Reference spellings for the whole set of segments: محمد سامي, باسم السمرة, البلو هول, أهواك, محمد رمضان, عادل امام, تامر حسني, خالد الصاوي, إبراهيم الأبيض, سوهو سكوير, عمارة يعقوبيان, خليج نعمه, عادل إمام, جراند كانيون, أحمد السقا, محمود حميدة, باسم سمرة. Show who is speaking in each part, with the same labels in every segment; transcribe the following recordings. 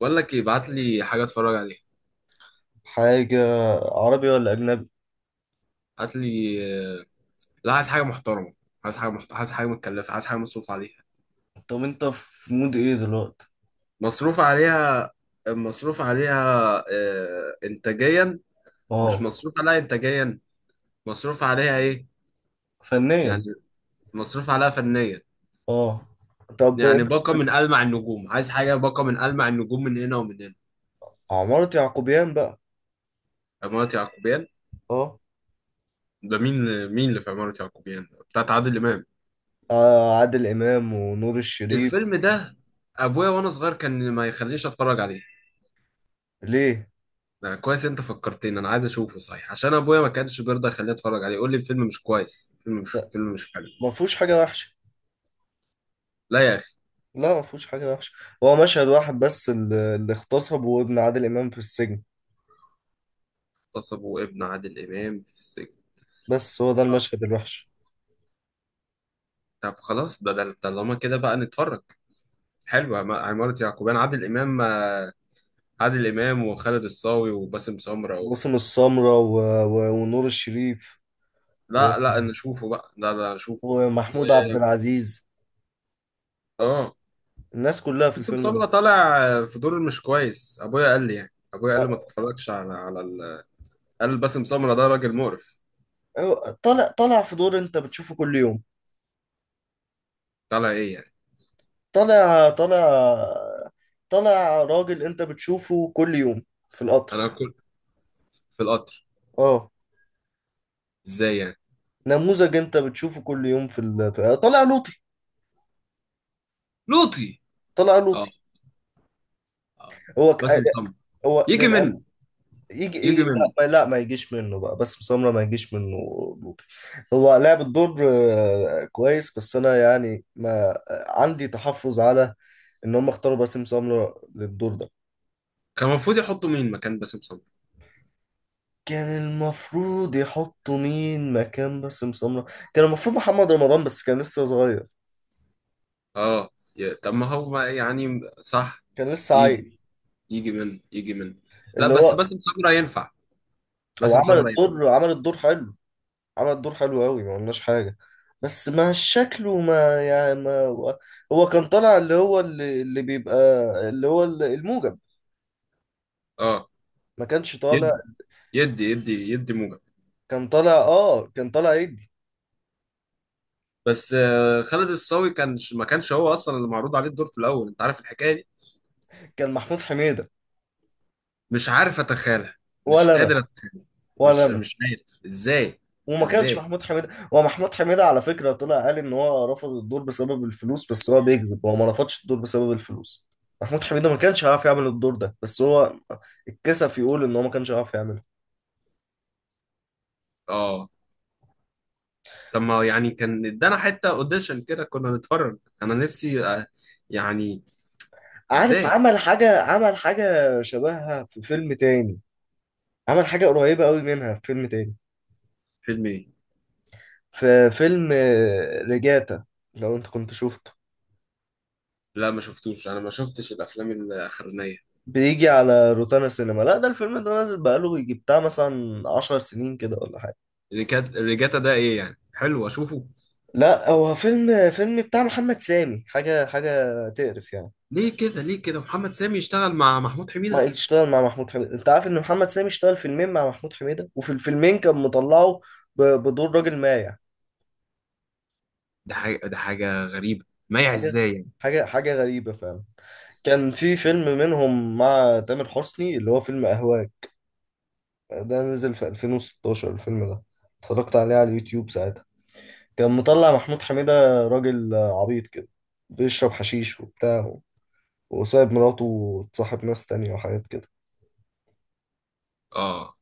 Speaker 1: بقول لك ايه، ابعت لي حاجه اتفرج عليها.
Speaker 2: حاجة. عربي ولا أجنبي؟
Speaker 1: هات لي. آه. لا، عايز حاجه محترمه. عايز حاجه متكلفه، عايز حاجه مصروف عليها.
Speaker 2: طب أنت في مود إيه دلوقتي؟
Speaker 1: مصروف عليها. مصروف عليها. آه، انتاجيا. مش
Speaker 2: أه.
Speaker 1: مصروف عليها انتاجيا. مصروف عليها ايه؟ يعني،
Speaker 2: فنيا.
Speaker 1: مصروف عليها فنيا.
Speaker 2: أه. طب
Speaker 1: يعني
Speaker 2: أنت.
Speaker 1: باقه من ألمع النجوم، عايز حاجه باقه من ألمع النجوم من هنا ومن هنا.
Speaker 2: عمارة يعقوبيان بقى.
Speaker 1: عمارة يعقوبيان.
Speaker 2: أه.
Speaker 1: ده، مين مين اللي في عمارة يعقوبيان بتاعت عادل امام؟
Speaker 2: آه، عادل إمام ونور الشريف.
Speaker 1: الفيلم ده، ابويا وانا صغير كان ما يخلينيش اتفرج عليه.
Speaker 2: ليه؟
Speaker 1: ده كويس، انت فكرتني، انا عايز اشوفه صحيح عشان ابويا ما كانش بيرضى يخليني اتفرج عليه، يقول لي الفيلم مش كويس، الفيلم مش فيلم مش حلو.
Speaker 2: ما فيهوش حاجة وحشة.
Speaker 1: لا يا اخي.
Speaker 2: لا، ما فيهوش حاجة وحشة. هو مشهد واحد بس اللي اغتصب وابن عادل إمام في السجن.
Speaker 1: اغتصبوا ابن عادل امام في السجن؟
Speaker 2: بس هو ده
Speaker 1: آه.
Speaker 2: المشهد الوحش.
Speaker 1: طب خلاص، ده طالما كده بقى نتفرج. حلو، عمارة يعقوبيان، عادل امام، آه. عادل امام وخالد الصاوي وباسم سمرة و...
Speaker 2: باسم السمرة ونور الشريف و...
Speaker 1: لا لا، نشوفه بقى، لا لا نشوفه. و...
Speaker 2: ومحمود عبد العزيز.
Speaker 1: اه.
Speaker 2: الناس كلها في
Speaker 1: باسم
Speaker 2: الفيلم ده.
Speaker 1: سمرة طالع في دور مش كويس، ابويا قال لي، يعني ابويا قال لي ما تتفرجش على على ال... قال باسم سمرة ده راجل مقرف.
Speaker 2: هو طالع في دور انت بتشوفه كل يوم.
Speaker 1: طالع ايه يعني؟
Speaker 2: طالع طالع طالع راجل انت بتشوفه كل يوم في القطر.
Speaker 1: انا كنت. في القطر.
Speaker 2: اه.
Speaker 1: ازاي يعني؟
Speaker 2: نموذج انت بتشوفه كل يوم، طالع لوطي.
Speaker 1: لوطي.
Speaker 2: طالع
Speaker 1: اه.
Speaker 2: لوطي.
Speaker 1: اه.
Speaker 2: هو ك...
Speaker 1: باسم سمرة.
Speaker 2: هو
Speaker 1: يجي
Speaker 2: للأم...
Speaker 1: منه.
Speaker 2: يجي يجي.
Speaker 1: يجي منه.
Speaker 2: لا، ما يجيش منه بقى، بس سمرة ما يجيش منه. لوطي. هو لعب الدور كويس، بس انا يعني ما عندي تحفظ على ان هم اختاروا باسم سمرة للدور ده.
Speaker 1: كان المفروض يحطوا مين مكان باسم سمرة؟
Speaker 2: كان المفروض يحطوا مين مكان باسم سمرة؟ كان المفروض محمد رمضان، بس كان لسه صغير.
Speaker 1: اه. طب ما هو يعني صح.
Speaker 2: كان لسه
Speaker 1: يجي.
Speaker 2: عيل.
Speaker 1: يجي منه يجي منه. لا
Speaker 2: اللي
Speaker 1: بس
Speaker 2: هو
Speaker 1: باسم سمرة ينفع.
Speaker 2: هو
Speaker 1: باسم سمرة ينفع.
Speaker 2: عمل الدور حلو. عمل الدور حلو قوي، ما قلناش حاجة. بس ما شكله ما يعني ما هو. هو كان طالع اللي هو اللي بيبقى اللي هو الموجب.
Speaker 1: اه.
Speaker 2: ما كانش طالع.
Speaker 1: يدي. يدي موجب.
Speaker 2: كان طالع ايدي.
Speaker 1: بس خالد الصاوي كان ما كانش هو اصلا اللي معروض عليه الدور في الاول، انت عارف الحكايه دي؟
Speaker 2: كان محمود حميدة.
Speaker 1: مش عارف اتخيلها. مش
Speaker 2: ولا انا،
Speaker 1: قادر اتخيلها.
Speaker 2: ولا
Speaker 1: مش
Speaker 2: انا.
Speaker 1: مش عارف ازاي.
Speaker 2: وما كانش
Speaker 1: ازاي.
Speaker 2: محمود حميدة. هو محمود حميدة على فكرة طلع قال إن هو رفض الدور بسبب الفلوس، بس هو بيكذب، هو ما رفضش الدور بسبب الفلوس. محمود حميدة ما كانش هيعرف يعمل الدور ده، بس هو اتكسف يقول إن هو ما كانش هيعرف يعمله.
Speaker 1: اه. طب ما يعني كان ادانا حتة اوديشن كده كنا نتفرج، انا نفسي آه. يعني.
Speaker 2: عارف.
Speaker 1: ازاي.
Speaker 2: عمل حاجة شبهها في فيلم تاني. عمل حاجة قريبة قوي منها في فيلم تاني.
Speaker 1: فيلم ايه؟
Speaker 2: في فيلم ريجاتا. لو أنت كنت شفته.
Speaker 1: لا ما شفتوش، انا ما شفتش الافلام الاخرانية.
Speaker 2: بيجي على روتانا سينما. لا، ده الفيلم ده نازل بقاله يجي بتاع مثلا 10 سنين كده ولا حاجة.
Speaker 1: اللي كانت الريجاتا ده ايه يعني، حلو اشوفه؟
Speaker 2: لا، هو فيلم بتاع محمد سامي، حاجة تقرف يعني.
Speaker 1: ليه كده؟ ليه كده محمد سامي يشتغل مع محمود حميدة؟
Speaker 2: ما اشتغل مع محمود حميدة. انت عارف ان محمد سامي اشتغل فيلمين مع محمود حميدة، وفي الفيلمين كان مطلعه بدور راجل مايع.
Speaker 1: ده حاجة غريبة، مايع
Speaker 2: حاجة
Speaker 1: ازاي يعني؟
Speaker 2: حاجة غريبة فعلا. كان في فيلم منهم مع تامر حسني اللي هو فيلم أهواك. ده نزل في 2016 الفيلم ده، اتفرجت عليه على اليوتيوب ساعتها. كان مطلع محمود حميدة راجل عبيط كده، بيشرب حشيش وبتاع، وسايب مراته وتصاحب ناس تانية وحاجات كده.
Speaker 1: اه.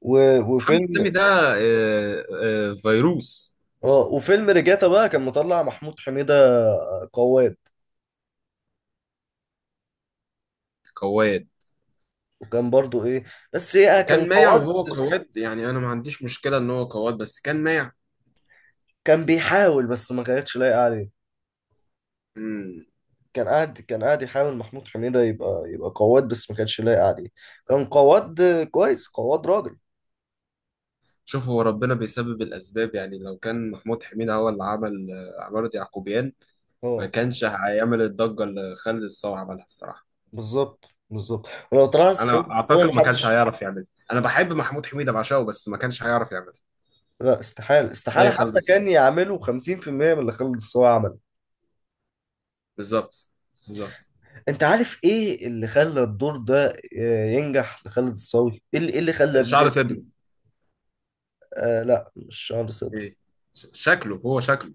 Speaker 2: و-
Speaker 1: محمد
Speaker 2: وفيلم
Speaker 1: سامي ده. آه. آه. فيروس.
Speaker 2: اه وفيلم رجاتا بقى كان مطلع محمود حميدة قواد.
Speaker 1: قواد.
Speaker 2: وكان برضو ايه. بس ايه كان
Speaker 1: وكان مايع، وهو
Speaker 2: قواد.
Speaker 1: قواد، يعني انا ما عنديش مشكلة ان هو قواد بس كان مايع.
Speaker 2: كان بيحاول، بس ما كانتش لايقة عليه.
Speaker 1: مم.
Speaker 2: كان قاعد يحاول محمود حميدة يبقى قواد، بس ما كانتش لايقة عليه. كان قواد، كويس قواد راجل.
Speaker 1: شوف، هو ربنا بيسبب الأسباب، يعني لو كان محمود حميدة هو اللي عمل عمارة يعقوبيان، ما
Speaker 2: اه.
Speaker 1: كانش هيعمل الضجة اللي خالد الصاوي عملها الصراحة.
Speaker 2: بالظبط، بالظبط. ولو تلاحظ خالد
Speaker 1: أنا
Speaker 2: الصاوي
Speaker 1: أعتقد ما كانش
Speaker 2: محدش.
Speaker 1: هيعرف يعملها. أنا بحب محمود حميدة، بعشقه، بس ما كانش هيعرف يعملها.
Speaker 2: لا، استحالة، استحالة،
Speaker 1: زي خالد
Speaker 2: حتى كان
Speaker 1: الصاوي.
Speaker 2: يعملوا 50% من اللي خالد الصاوي عمله.
Speaker 1: بالظبط. بالظبط.
Speaker 2: انت عارف ايه اللي خلى الدور ده ينجح لخالد الصاوي؟ ايه اللي إيه اللي خلى
Speaker 1: شعر
Speaker 2: الدور؟
Speaker 1: صدره.
Speaker 2: آه، لا، مش شعر صدره.
Speaker 1: إيه؟ شكله، هو شكله.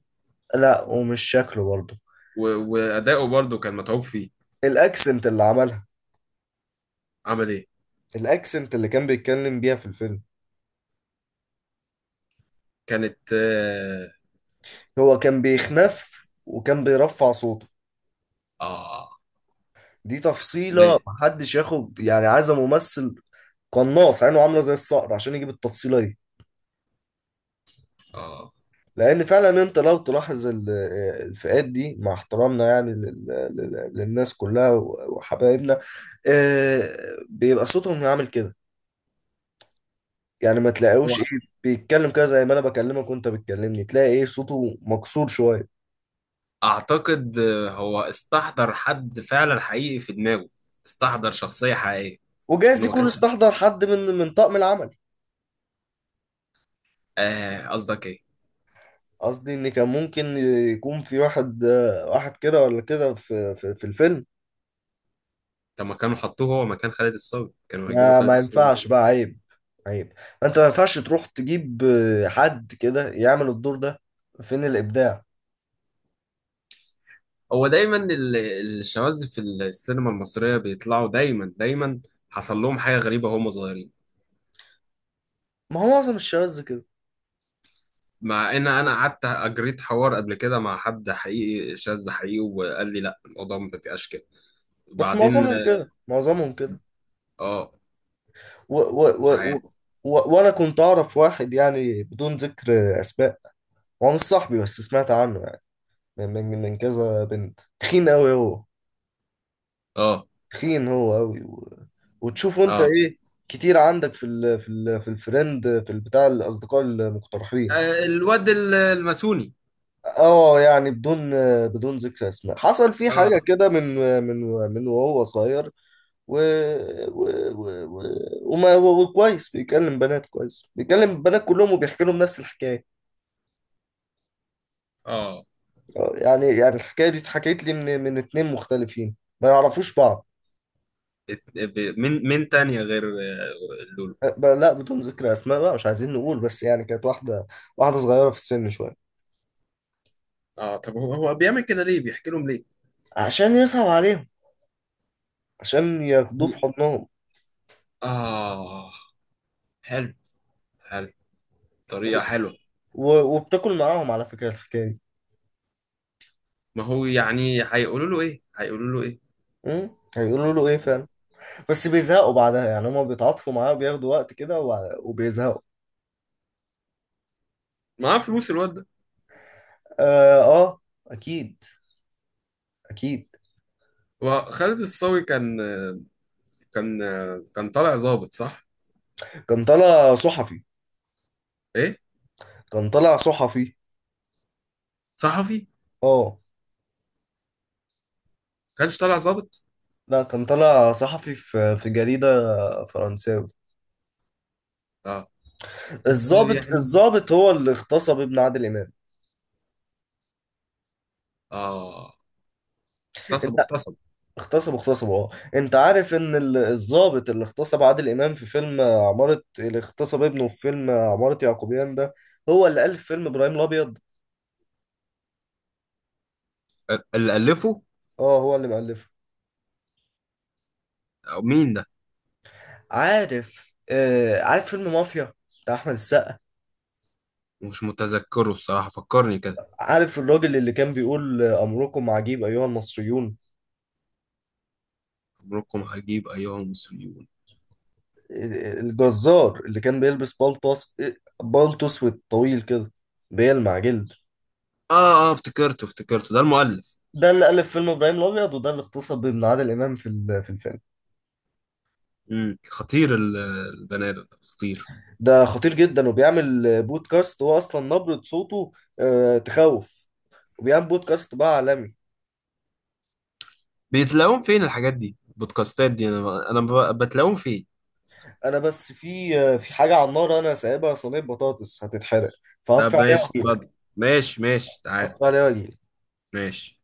Speaker 2: لا، ومش شكله برضه.
Speaker 1: و... وأداؤه برضه كان متعوب فيه.
Speaker 2: الاكسنت اللي عملها.
Speaker 1: عمل إيه؟
Speaker 2: الاكسنت اللي كان بيتكلم بيها في الفيلم.
Speaker 1: كانت آه.
Speaker 2: هو كان
Speaker 1: آه.
Speaker 2: بيخنف وكان بيرفع صوته.
Speaker 1: آه.
Speaker 2: دي تفصيلة،
Speaker 1: زي.
Speaker 2: محدش ياخد يعني. عايز ممثل قناص عينه عاملة زي الصقر عشان يجيب التفصيلة دي.
Speaker 1: آه.
Speaker 2: لان فعلا انت لو تلاحظ الفئات دي، مع احترامنا يعني للناس كلها وحبايبنا. آه، بيبقى صوتهم عامل كده. يعني ما تلاقيوش ايه
Speaker 1: هو
Speaker 2: بيتكلم كده زي ما انا بكلمك وانت بتكلمني، تلاقي ايه صوته مكسور شويه.
Speaker 1: اعتقد هو استحضر حد فعلا حقيقي في دماغه. استحضر شخصية حقيقية.
Speaker 2: وجايز
Speaker 1: انه ما
Speaker 2: يكون
Speaker 1: كانش.
Speaker 2: استحضر حد من طاقم العمل.
Speaker 1: آه، قصدك ايه؟
Speaker 2: قصدي ان كان ممكن يكون في واحد واحد كده ولا كده في الفيلم.
Speaker 1: طب ما كانوا حطوه هو مكان خالد الصاوي، كانوا هيجيبوا
Speaker 2: ما
Speaker 1: خالد
Speaker 2: ما
Speaker 1: الصاوي.
Speaker 2: ينفعش بقى، عيب، عيب. انت ما ينفعش تروح تجيب حد كده يعمل الدور ده. فين الابداع؟
Speaker 1: هو دايما الشواذ في السينما المصرية بيطلعوا دايما دايما. حصل لهم حاجة غريبة وهم صغيرين.
Speaker 2: ما هو معظم الشواذ كده.
Speaker 1: مع ان انا قعدت اجريت حوار قبل كده مع حد حقيقي شاذ حقيقي، وقال لي لا، الموضوع ما بيبقاش كده.
Speaker 2: بس
Speaker 1: بعدين.
Speaker 2: معظمهم كده، معظمهم كده.
Speaker 1: اه.
Speaker 2: و و
Speaker 1: مش
Speaker 2: و و
Speaker 1: عارف.
Speaker 2: و وانا كنت اعرف واحد يعني، بدون ذكر اسماء. هو مش صاحبي، بس سمعت عنه يعني من كذا بنت، تخين قوي هو.
Speaker 1: اه.
Speaker 2: تخين هو قوي. وتشوفه انت
Speaker 1: اه.
Speaker 2: ايه. كتير عندك في الفريند، في البتاع، الاصدقاء المقترحين.
Speaker 1: آه، الواد الماسوني.
Speaker 2: اه، يعني بدون ذكر اسماء. حصل فيه حاجه
Speaker 1: اه.
Speaker 2: كده من من من وهو صغير. و... و... و... و... وكويس بيكلم بنات، كلهم، وبيحكي لهم نفس الحكايه.
Speaker 1: اه.
Speaker 2: يعني الحكايه دي اتحكيت لي من اتنين مختلفين ما يعرفوش بعض.
Speaker 1: من تانية غير لولو.
Speaker 2: لا، بدون ذكر اسماء بقى، مش عايزين نقول، بس يعني كانت واحده. واحده صغيره في السن شويه.
Speaker 1: اه. طب هو بيعمل كده ليه، بيحكي لهم ليه؟
Speaker 2: عشان يصعب عليهم. عشان ياخدوه في حضنهم.
Speaker 1: آه. حلو. حلو. طريقة حلوة.
Speaker 2: و... وبتاكل معاهم على فكره الحكايه دي.
Speaker 1: ما هو يعني هيقولوا له إيه، هيقولوا له إيه؟
Speaker 2: م؟ هيقولوا له ايه فعلا؟ بس بيزهقوا بعدها يعني، هما بيتعاطفوا معاه وبياخدوا وقت كده وبيزهقوا.
Speaker 1: معاه فلوس الواد ده.
Speaker 2: آه، اه، اكيد، اكيد.
Speaker 1: وخالد الصاوي كان كان طالع ظابط صح؟
Speaker 2: كان طالع صحفي
Speaker 1: إيه؟
Speaker 2: كان طالع صحفي
Speaker 1: صحفي.
Speaker 2: اه،
Speaker 1: كانش طالع ظابط.
Speaker 2: لا، كان طالع صحفي في جريدة فرنساوي.
Speaker 1: آه. بس
Speaker 2: الضابط
Speaker 1: يعني.
Speaker 2: الضابط هو اللي اغتصب ابن عادل امام.
Speaker 1: آه. اغتصب
Speaker 2: انت.
Speaker 1: اغتصب.
Speaker 2: اغتصب، اغتصب، اه. انت عارف ان الضابط اللي اغتصب عادل امام في فيلم عمارة، اللي اغتصب ابنه في فيلم عمارة يعقوبيان ده، هو اللي ألف فيلم ابراهيم الابيض.
Speaker 1: اللي ألفه.
Speaker 2: اه، هو اللي مألفه.
Speaker 1: أو مين ده؟
Speaker 2: عارف فيلم مافيا بتاع احمد السقا؟
Speaker 1: مش متذكره الصراحة، فكرني كده.
Speaker 2: عارف الراجل اللي كان بيقول امركم عجيب ايها المصريون؟
Speaker 1: عمركم هجيب أيها المصريون.
Speaker 2: الجزار اللي كان بيلبس بلطس، بلطو اسود طويل كده، بيلمع جلد.
Speaker 1: اه. اه. افتكرته افتكرته. ده المؤلف.
Speaker 2: ده اللي ألف فيلم إبراهيم الأبيض، وده اللي اغتصب ابن عادل إمام في الفيلم.
Speaker 1: خطير البني ادم ده خطير.
Speaker 2: ده خطير جدا، وبيعمل بودكاست. هو أصلا نبرة صوته تخوف. وبيعمل بودكاست بقى عالمي.
Speaker 1: بيتلاقوهم فين الحاجات دي البودكاستات دي؟ انا بتلاقوهم فين؟
Speaker 2: أنا بس في حاجة على النار، أنا سايبها صينية بطاطس هتتحرق. فهطفي
Speaker 1: طب
Speaker 2: عليها
Speaker 1: ماشي
Speaker 2: وأجيلك.
Speaker 1: اتفضل. ماشي ماشي تعال.
Speaker 2: اطفال واجي
Speaker 1: ماشي.